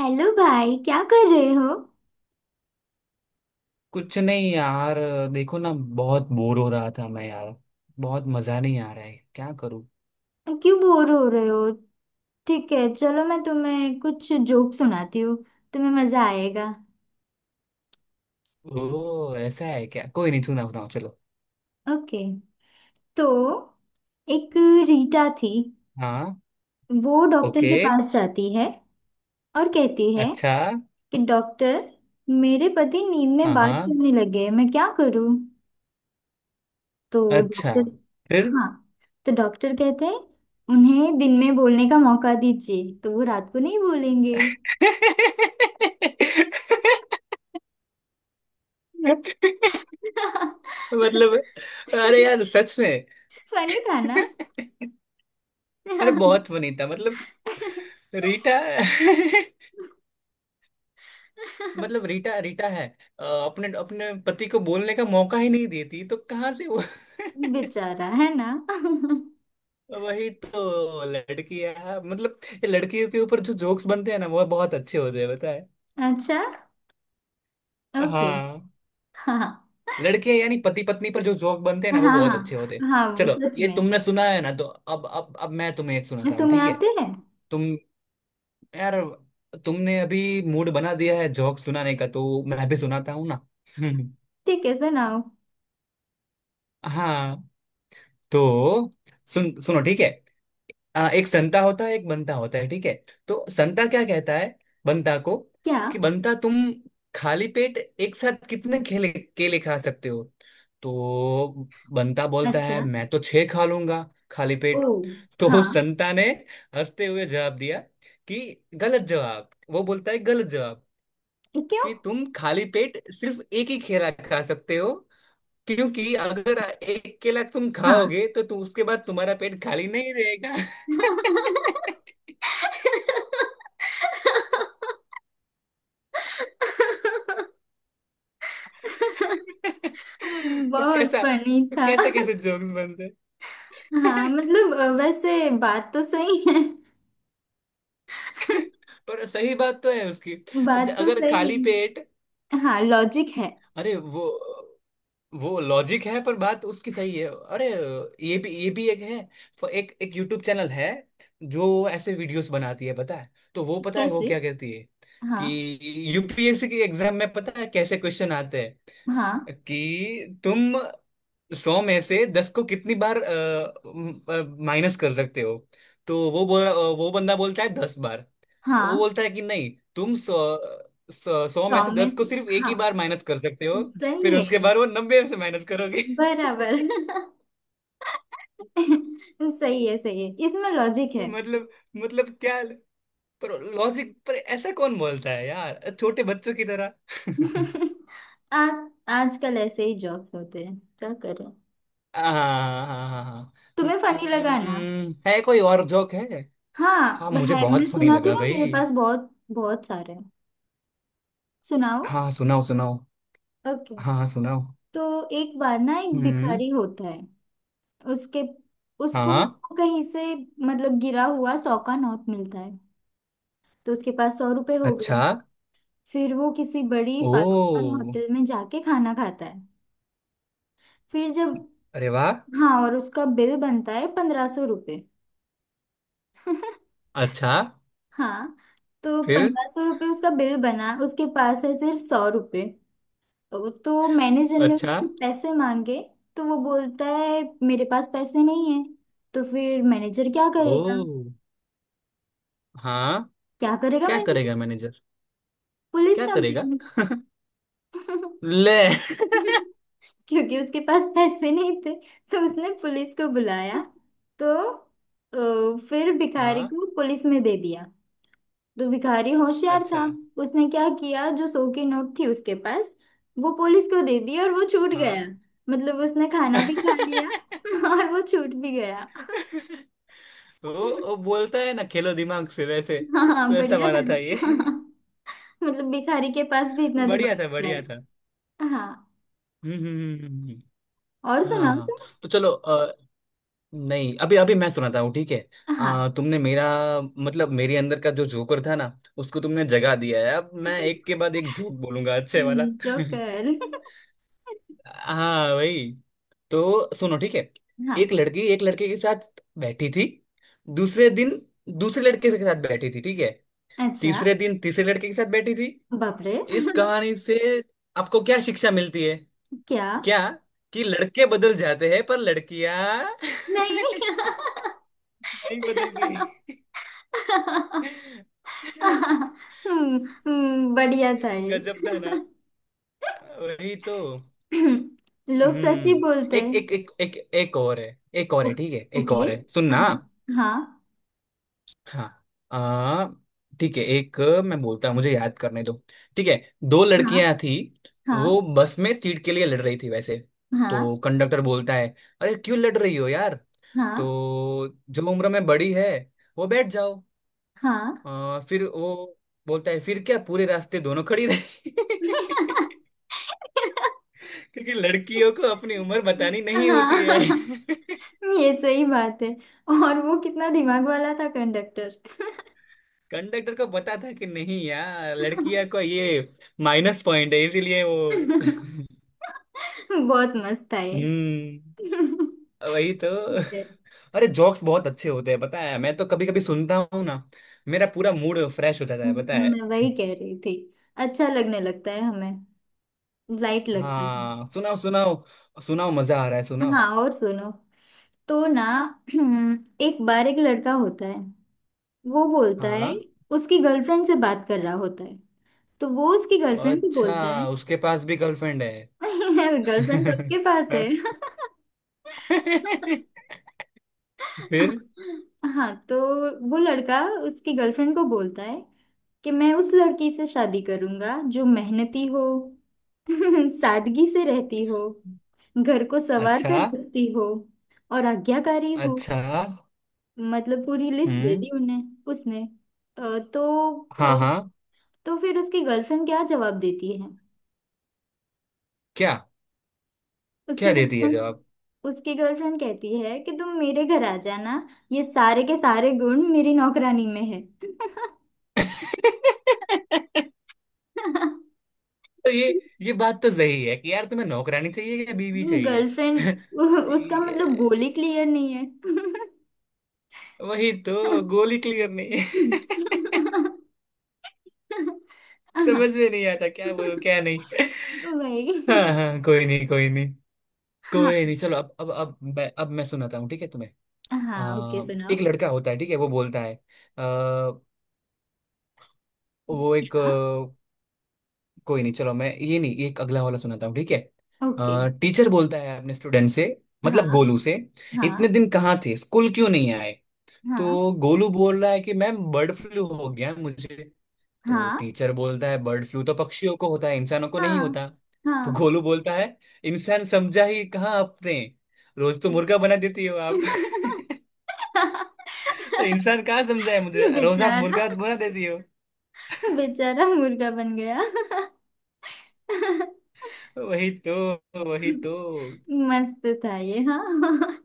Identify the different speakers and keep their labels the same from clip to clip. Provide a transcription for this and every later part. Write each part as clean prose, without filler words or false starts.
Speaker 1: Hello भाई, क्या कर रहे हो।
Speaker 2: कुछ नहीं यार। देखो ना, बहुत बोर हो रहा था मैं यार। बहुत मजा नहीं आ रहा है, क्या करूं।
Speaker 1: क्यों बोर हो रहे हो। ठीक है चलो, मैं तुम्हें कुछ जोक सुनाती हूँ। तुम्हें मजा आएगा।
Speaker 2: ओ ऐसा है क्या? कोई नहीं, सुनाओ सुनाओ चलो।
Speaker 1: ओके। तो एक रीटा थी।
Speaker 2: हाँ।
Speaker 1: वो डॉक्टर
Speaker 2: ओके।
Speaker 1: के पास जाती है और कहती है
Speaker 2: अच्छा।
Speaker 1: कि डॉक्टर, मेरे पति नींद में
Speaker 2: हाँ
Speaker 1: बात
Speaker 2: हाँ।
Speaker 1: करने लगे, मैं क्या करूँ। तो
Speaker 2: अच्छा।
Speaker 1: डॉक्टर,
Speaker 2: फिर?
Speaker 1: हाँ, तो डॉक्टर कहते हैं उन्हें दिन में बोलने का मौका दीजिए तो वो रात को नहीं बोलेंगे।
Speaker 2: मतलब, अरे यार सच में।
Speaker 1: फनी था ना।
Speaker 2: अरे बहुत फनी था मतलब। रीटा। मतलब रीटा रीटा है। अपने अपने पति को बोलने का मौका ही नहीं देती, तो कहाँ से वो
Speaker 1: बेचारा है ना।
Speaker 2: वही तो लड़की है मतलब। ये लड़कियों के ऊपर जो जोक्स बनते हैं ना, वो बहुत अच्छे होते हैं पता है।
Speaker 1: अच्छा। ओके।
Speaker 2: हाँ।
Speaker 1: हाँ
Speaker 2: लड़के यानी पति पत्नी पर जो जोक बनते हैं ना,
Speaker 1: हाँ
Speaker 2: वो बहुत अच्छे होते हैं।
Speaker 1: हाँ हाँ, वो
Speaker 2: चलो,
Speaker 1: सच
Speaker 2: ये
Speaker 1: में।
Speaker 2: तुमने सुना है ना, तो अब मैं तुम्हें एक
Speaker 1: हाँ,
Speaker 2: सुनाता हूँ,
Speaker 1: तुम्हें
Speaker 2: ठीक है।
Speaker 1: आते हैं।
Speaker 2: तुम यार, तुमने अभी मूड बना दिया है जोक सुनाने का, तो मैं भी सुनाता हूँ ना
Speaker 1: ठीक है, सुनाओ।
Speaker 2: हाँ। तो सुनो ठीक है। एक संता होता है एक बंता होता है ठीक है। तो संता क्या कहता है बंता को?
Speaker 1: क्या।
Speaker 2: कि बंता, तुम खाली पेट एक साथ कितने केले केले खा सकते हो? तो बंता बोलता है
Speaker 1: अच्छा।
Speaker 2: मैं तो छह खा लूंगा। खाली
Speaker 1: ओ।
Speaker 2: पेट तो
Speaker 1: हाँ।
Speaker 2: संता ने हंसते हुए जवाब दिया कि गलत जवाब। वो बोलता है गलत जवाब,
Speaker 1: क्यों।
Speaker 2: कि तुम खाली पेट सिर्फ एक ही केला खा सकते हो। क्योंकि अगर एक केला तुम
Speaker 1: हाँ।
Speaker 2: खाओगे तो तू उसके बाद तुम्हारा पेट खाली नहीं रहेगा तो
Speaker 1: बहुत
Speaker 2: कैसा
Speaker 1: फनी
Speaker 2: तो
Speaker 1: था।
Speaker 2: कैसे कैसे जोक्स बनते
Speaker 1: हाँ
Speaker 2: हैं?
Speaker 1: मतलब, वैसे बात तो सही है।
Speaker 2: पर सही बात तो है उसकी।
Speaker 1: बात तो
Speaker 2: अगर
Speaker 1: सही
Speaker 2: खाली पेट,
Speaker 1: है हाँ, लॉजिक है।
Speaker 2: अरे वो लॉजिक है, पर बात उसकी सही है। अरे ये भी एक है। एक एक यूट्यूब चैनल है जो ऐसे वीडियोस बनाती है पता है। तो वो पता है वो
Speaker 1: कैसे।
Speaker 2: क्या कहती है
Speaker 1: हाँ
Speaker 2: कि यूपीएससी की एग्जाम में पता है कैसे क्वेश्चन आते हैं?
Speaker 1: हाँ
Speaker 2: कि तुम 100 में से 10 को कितनी बार माइनस कर सकते हो? तो वो बोल वो बंदा बोलता है 10 बार। वो
Speaker 1: हाँ।
Speaker 2: बोलता है कि नहीं, तुम सौ सौ 100 में से दस
Speaker 1: प्रॉमिस।
Speaker 2: को सिर्फ एक
Speaker 1: हाँ,
Speaker 2: ही बार माइनस कर सकते हो। फिर
Speaker 1: सही है।
Speaker 2: उसके बाद वो 90 से माइनस करोगे
Speaker 1: बराबर। सही है सही है, इसमें लॉजिक है।
Speaker 2: मतलब क्या, पर लॉजिक, पर ऐसा कौन बोलता है यार, छोटे बच्चों की तरह
Speaker 1: आ, आजकल ऐसे ही जॉक्स होते हैं, क्या करें।
Speaker 2: हाँ हाँ हाँ हाँ।
Speaker 1: तुम्हें फनी लगा ना।
Speaker 2: है कोई और जोक है?
Speaker 1: हाँ
Speaker 2: हाँ मुझे
Speaker 1: है, मैं
Speaker 2: बहुत फनी
Speaker 1: सुनाती
Speaker 2: लगा
Speaker 1: हूँ ना,
Speaker 2: भाई।
Speaker 1: मेरे पास बहुत बहुत सारे हैं। सुनाओ।
Speaker 2: हाँ सुनाओ सुनाओ।
Speaker 1: ओके।
Speaker 2: हाँ हाँ, सुनाओ।
Speaker 1: तो एक बार ना, एक
Speaker 2: हम्म।
Speaker 1: भिखारी होता है। उसके उसको ना
Speaker 2: हाँ।
Speaker 1: कहीं से, मतलब गिरा हुआ 100 का नोट मिलता है। तो उसके पास 100 रुपए हो गए।
Speaker 2: अच्छा।
Speaker 1: फिर वो किसी बड़ी फाइव स्टार
Speaker 2: ओ।
Speaker 1: होटल में जाके खाना खाता है। फिर जब,
Speaker 2: अरे वाह।
Speaker 1: हाँ, और उसका बिल बनता है 1500 रुपये।
Speaker 2: अच्छा।
Speaker 1: हाँ। तो
Speaker 2: फिर?
Speaker 1: 1500 रुपये उसका बिल बना, उसके पास है सिर्फ 100 रुपये। तो मैनेजर ने
Speaker 2: अच्छा।
Speaker 1: उससे पैसे मांगे। तो वो बोलता है मेरे पास पैसे नहीं है। तो फिर मैनेजर क्या करेगा।
Speaker 2: ओ। हाँ।
Speaker 1: क्या करेगा
Speaker 2: क्या करेगा
Speaker 1: मैनेजर।
Speaker 2: मैनेजर?
Speaker 1: पुलिस
Speaker 2: क्या करेगा?
Speaker 1: कंप्लेन।
Speaker 2: ले।
Speaker 1: क्योंकि उसके पास पैसे नहीं थे तो उसने पुलिस को बुलाया। तो फिर भिखारी
Speaker 2: हाँ।
Speaker 1: को पुलिस में दे दिया। तो भिखारी होशियार
Speaker 2: अच्छा।
Speaker 1: था। उसने क्या किया, जो 100 की नोट थी उसके पास, वो पुलिस को दे दी और वो छूट
Speaker 2: हाँ।
Speaker 1: गया। मतलब उसने खाना भी खा लिया और वो छूट भी गया।
Speaker 2: वो, वो बोलता है ना, खेलो दिमाग से वैसे।
Speaker 1: हाँ,
Speaker 2: वैसा
Speaker 1: बढ़िया था
Speaker 2: वाला था ये।
Speaker 1: ना। हाँ, मतलब भिखारी के पास भी इतना दिमाग
Speaker 2: बढ़िया था
Speaker 1: होता है।
Speaker 2: बढ़िया था।
Speaker 1: हाँ,
Speaker 2: हम्म।
Speaker 1: और
Speaker 2: हाँ
Speaker 1: सुनाओ
Speaker 2: हाँ।
Speaker 1: तुम।
Speaker 2: तो चलो, नहीं अभी अभी मैं सुनाता हूँ ठीक है।
Speaker 1: हाँ।
Speaker 2: तुमने मेरा मतलब मेरे अंदर का जो जोकर था ना, उसको तुमने जगा दिया है। अब मैं एक के बाद एक जोक बोलूंगा अच्छे वाला
Speaker 1: जोकर।
Speaker 2: हाँ भाई। तो सुनो ठीक है। एक
Speaker 1: हाँ।
Speaker 2: लड़की एक लड़के के साथ बैठी थी। दूसरे दिन दूसरे लड़के के साथ बैठी थी ठीक है।
Speaker 1: अच्छा।
Speaker 2: तीसरे दिन तीसरे लड़के के साथ बैठी थी।
Speaker 1: बाप रे।
Speaker 2: इस कहानी से आपको क्या शिक्षा मिलती है?
Speaker 1: क्या।
Speaker 2: क्या? कि लड़के बदल जाते हैं पर लड़कियां
Speaker 1: नहीं।
Speaker 2: नहीं बदलती
Speaker 1: हम्म। बढ़िया था ये।
Speaker 2: गजब था ना। वही तो।
Speaker 1: लोग सच ही
Speaker 2: हम्म।
Speaker 1: बोलते
Speaker 2: एक
Speaker 1: हैं।
Speaker 2: एक एक एक एक और है। एक और
Speaker 1: ओ-
Speaker 2: है ठीक है, एक
Speaker 1: ओके।
Speaker 2: और है सुनना।
Speaker 1: हाँ हाँ
Speaker 2: हाँ। आ ठीक है एक। मैं बोलता हूँ, मुझे याद करने दो ठीक है। दो
Speaker 1: हाँ
Speaker 2: लड़कियां थी।
Speaker 1: हाँ।
Speaker 2: वो बस में सीट के लिए लड़ रही थी वैसे। तो
Speaker 1: हाँ
Speaker 2: कंडक्टर बोलता है, अरे क्यों लड़ रही हो यार? तो जो उम्र में बड़ी है, वो बैठ जाओ।
Speaker 1: हाँ हाँ
Speaker 2: फिर वो बोलता है, फिर क्या, पूरे रास्ते दोनों खड़ी रही क्योंकि लड़कियों को अपनी उम्र बतानी नहीं होती है
Speaker 1: हाँ। ये सही बात है। और वो कितना दिमाग वाला था कंडक्टर।
Speaker 2: कंडक्टर को पता था कि नहीं यार, लड़कियां को ये माइनस पॉइंट है, इसीलिए वो
Speaker 1: बहुत मस्त था
Speaker 2: हम्म। वही तो।
Speaker 1: ये।
Speaker 2: अरे जोक्स बहुत अच्छे होते हैं पता है, मैं तो कभी कभी सुनता हूँ ना, मेरा पूरा मूड फ्रेश हो जाता है पता है।
Speaker 1: मैं वही कह रही थी। अच्छा लगने लगता है हमें। लाइट लगता है।
Speaker 2: हाँ सुनाओ सुनाओ। सुनाओ मजा आ रहा है सुनाओ।
Speaker 1: हाँ, और सुनो। तो ना, एक बार एक लड़का होता है। वो बोलता है,
Speaker 2: हाँ।
Speaker 1: उसकी गर्लफ्रेंड से बात कर रहा होता है। तो वो उसकी गर्लफ्रेंड को बोलता है।
Speaker 2: अच्छा उसके पास भी गर्लफ्रेंड है?
Speaker 1: गर्लफ्रेंड सबके पास है।
Speaker 2: फिर?
Speaker 1: हाँ तो वो लड़का उसकी गर्लफ्रेंड को बोलता है कि मैं उस लड़की से शादी करूंगा जो मेहनती हो, सादगी से रहती हो, घर को संवार कर
Speaker 2: अच्छा।
Speaker 1: रखती हो और आज्ञाकारी हो।
Speaker 2: अच्छा।
Speaker 1: मतलब पूरी लिस्ट दे
Speaker 2: हम्म।
Speaker 1: दी उन्हें उसने। अ, तो
Speaker 2: हाँ
Speaker 1: अ,
Speaker 2: हाँ।
Speaker 1: तो फिर उसकी गर्लफ्रेंड क्या जवाब देती है।
Speaker 2: क्या? क्या
Speaker 1: उसकी
Speaker 2: दे दिया
Speaker 1: गर्लफ्रेंड,
Speaker 2: जवाब?
Speaker 1: उसकी गर्लफ्रेंड कहती है कि तुम मेरे घर आ जाना, ये सारे के सारे गुण मेरी नौकरानी में है।
Speaker 2: तो ये बात तो सही है कि यार, तुम्हें नौकरानी चाहिए या बीवी चाहिए?
Speaker 1: गर्लफ्रेंड। उसका मतलब
Speaker 2: ये-
Speaker 1: गोली क्लियर नहीं है।
Speaker 2: वही तो गोली क्लियर नहीं है। समझ में नहीं आता क्या बोलूं क्या नहीं
Speaker 1: वही।
Speaker 2: हाँ हाँ, कोई नहीं कोई नहीं।
Speaker 1: हाँ
Speaker 2: कोई नहीं चलो, अब मैं सुनाता हूँ ठीक है तुम्हें।
Speaker 1: हाँ, ओके
Speaker 2: आ,
Speaker 1: सुनाओ।
Speaker 2: एक लड़का होता है ठीक है, वो बोलता है आ, वो एक
Speaker 1: हाँ
Speaker 2: कोई नहीं, चलो मैं ये नहीं, एक अगला वाला सुनाता हूँ ठीक है।
Speaker 1: ओके।
Speaker 2: टीचर बोलता है अपने स्टूडेंट से, मतलब
Speaker 1: हाँ
Speaker 2: गोलू से, इतने
Speaker 1: हाँ
Speaker 2: दिन कहाँ थे, स्कूल क्यों नहीं आए?
Speaker 1: हाँ
Speaker 2: तो गोलू बोल रहा है कि मैम, बर्ड फ्लू हो गया मुझे। तो
Speaker 1: हाँ।
Speaker 2: टीचर बोलता है, बर्ड फ्लू तो पक्षियों को होता है, इंसानों को नहीं
Speaker 1: हाँ
Speaker 2: होता। तो
Speaker 1: हाँ।
Speaker 2: गोलू बोलता है, इंसान समझा ही कहाँ आपने, रोज तो मुर्गा बना देती हो आप तो इंसान कहाँ समझा है मुझे, रोज आप
Speaker 1: बेचारा।
Speaker 2: मुर्गा बना देती हो।
Speaker 1: बेचारा मुर्गा बन गया।
Speaker 2: वही तो, वही तो।
Speaker 1: मस्त था ये। हाँ।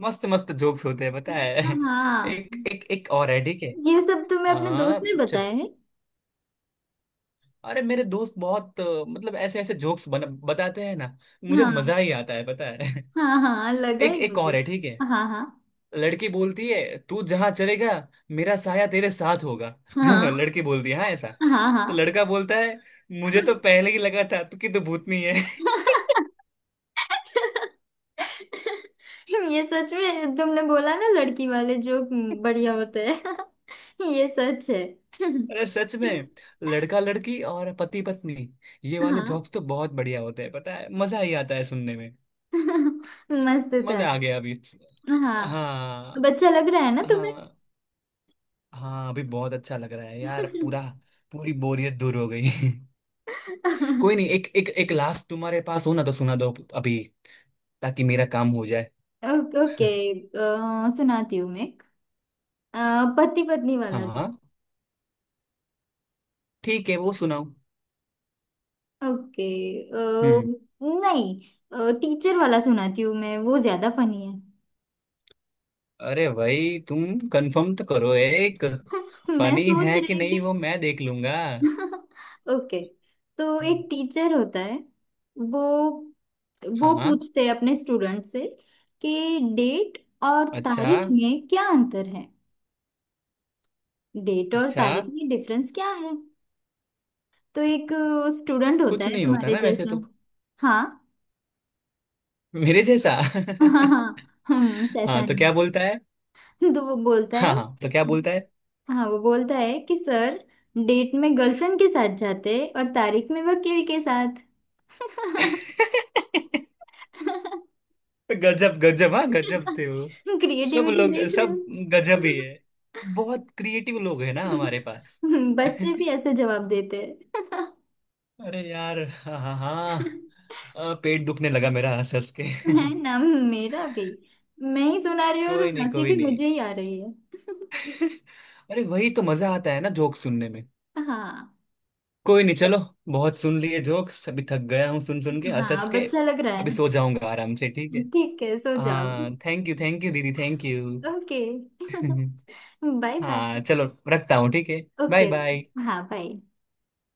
Speaker 2: मस्त मस्त जोक्स होते हैं पता है।
Speaker 1: हाँ,
Speaker 2: एक एक एक और है ठीक है।
Speaker 1: ये सब तो मैं अपने दोस्त
Speaker 2: हाँ
Speaker 1: ने
Speaker 2: चलो।
Speaker 1: बताया है।
Speaker 2: अरे मेरे दोस्त बहुत मतलब ऐसे ऐसे जोक्स बन बताते हैं ना, मुझे मजा
Speaker 1: हाँ।
Speaker 2: ही आता है पता है।
Speaker 1: हाँ हाँ लगा
Speaker 2: एक
Speaker 1: ही
Speaker 2: एक
Speaker 1: मुझे।
Speaker 2: और है ठीक है।
Speaker 1: हाँ हाँ।
Speaker 2: लड़की बोलती है, तू जहां चलेगा, मेरा साया तेरे साथ होगा
Speaker 1: हाँ
Speaker 2: लड़की बोलती है हाँ ऐसा।
Speaker 1: हाँ
Speaker 2: तो
Speaker 1: हाँ।
Speaker 2: लड़का बोलता है, मुझे तो पहले ही लगा था तू कि तू भूतनी है
Speaker 1: ये सच में, तुमने बोला ना, लड़की वाले जोक बढ़िया होते हैं। ये सच है।
Speaker 2: अरे सच में, लड़का लड़की और पति पत्नी, ये वाले
Speaker 1: हाँ,
Speaker 2: जोक्स तो बहुत बढ़िया होते हैं पता है, मजा ही आता है सुनने।
Speaker 1: मस्त था
Speaker 2: मजा आ
Speaker 1: ये।
Speaker 2: गया अभी।
Speaker 1: हाँ, अब
Speaker 2: हाँ।
Speaker 1: अच्छा लग रहा है ना तुम्हें।
Speaker 2: हाँ हाँ अभी बहुत अच्छा लग रहा है यार, पूरा पूरी बोरियत दूर हो गई कोई नहीं, एक एक एक लास्ट तुम्हारे पास हो ना, तो सुना दो अभी ताकि मेरा काम हो जाए।
Speaker 1: ओके ओके, सुनाती हूँ मैं एक, पति पत्नी
Speaker 2: हाँ
Speaker 1: वाला।
Speaker 2: हाँ ठीक है वो सुनाओ।
Speaker 1: ओके,
Speaker 2: हम्म।
Speaker 1: नहीं टीचर वाला सुनाती हूँ मैं, वो ज्यादा फनी है।
Speaker 2: अरे भाई तुम कंफर्म तो करो, एक
Speaker 1: मैं
Speaker 2: फनी
Speaker 1: सोच
Speaker 2: है कि
Speaker 1: रही
Speaker 2: नहीं
Speaker 1: थी।
Speaker 2: वो मैं देख लूंगा।
Speaker 1: ओके। तो
Speaker 2: हम्म।
Speaker 1: एक टीचर होता है। वो वो
Speaker 2: हाँ।
Speaker 1: पूछते हैं अपने स्टूडेंट से कि डेट और
Speaker 2: अच्छा।
Speaker 1: तारीख में क्या अंतर है। डेट और
Speaker 2: अच्छा।
Speaker 1: तारीख में डिफरेंस क्या है। तो एक स्टूडेंट होता
Speaker 2: कुछ
Speaker 1: है
Speaker 2: नहीं होता
Speaker 1: तुम्हारे
Speaker 2: ना वैसे तो।
Speaker 1: जैसा। हाँ।
Speaker 2: मेरे जैसा
Speaker 1: हाँ हाँ हाँ, हम
Speaker 2: हाँ तो
Speaker 1: शैतानी।
Speaker 2: क्या बोलता है?
Speaker 1: तो वो बोलता है,
Speaker 2: हाँ हाँ तो क्या बोलता है?
Speaker 1: हाँ वो बोलता है कि सर, डेट में गर्लफ्रेंड के साथ जाते और तारीख में वकील के साथ।
Speaker 2: गजब गजब, हाँ गजब थे वो सब
Speaker 1: क्रिएटिविटी
Speaker 2: लोग,
Speaker 1: देख रहे हो।
Speaker 2: सब गजब ही है। बहुत क्रिएटिव लोग है ना हमारे पास।
Speaker 1: बच्चे भी ऐसे जवाब देते हैं।
Speaker 2: अरे यार हाँ हाँ हाँ, पेट दुखने लगा मेरा हंस हंस के
Speaker 1: है ना। मेरा भी। मैं ही सुना रही हूँ और
Speaker 2: कोई नहीं
Speaker 1: हंसी
Speaker 2: कोई
Speaker 1: भी
Speaker 2: नहीं।
Speaker 1: मुझे ही आ रही है।
Speaker 2: अरे वही तो मजा आता है ना जोक सुनने में।
Speaker 1: हाँ।
Speaker 2: कोई नहीं चलो, बहुत सुन लिए जोक्स, अभी थक गया हूँ सुन सुन के हंस
Speaker 1: हाँ,
Speaker 2: हंस
Speaker 1: अब
Speaker 2: के।
Speaker 1: अच्छा लग रहा है
Speaker 2: अभी
Speaker 1: ना।
Speaker 2: सो जाऊंगा आराम से ठीक है।
Speaker 1: ठीक है सो जाओ।
Speaker 2: हाँ थैंक यू दीदी thank you.
Speaker 1: Okay. Bye bye.
Speaker 2: हाँ चलो, रखता हूँ ठीक है। Bye
Speaker 1: okay
Speaker 2: bye.
Speaker 1: ओके। हाँ, बाय।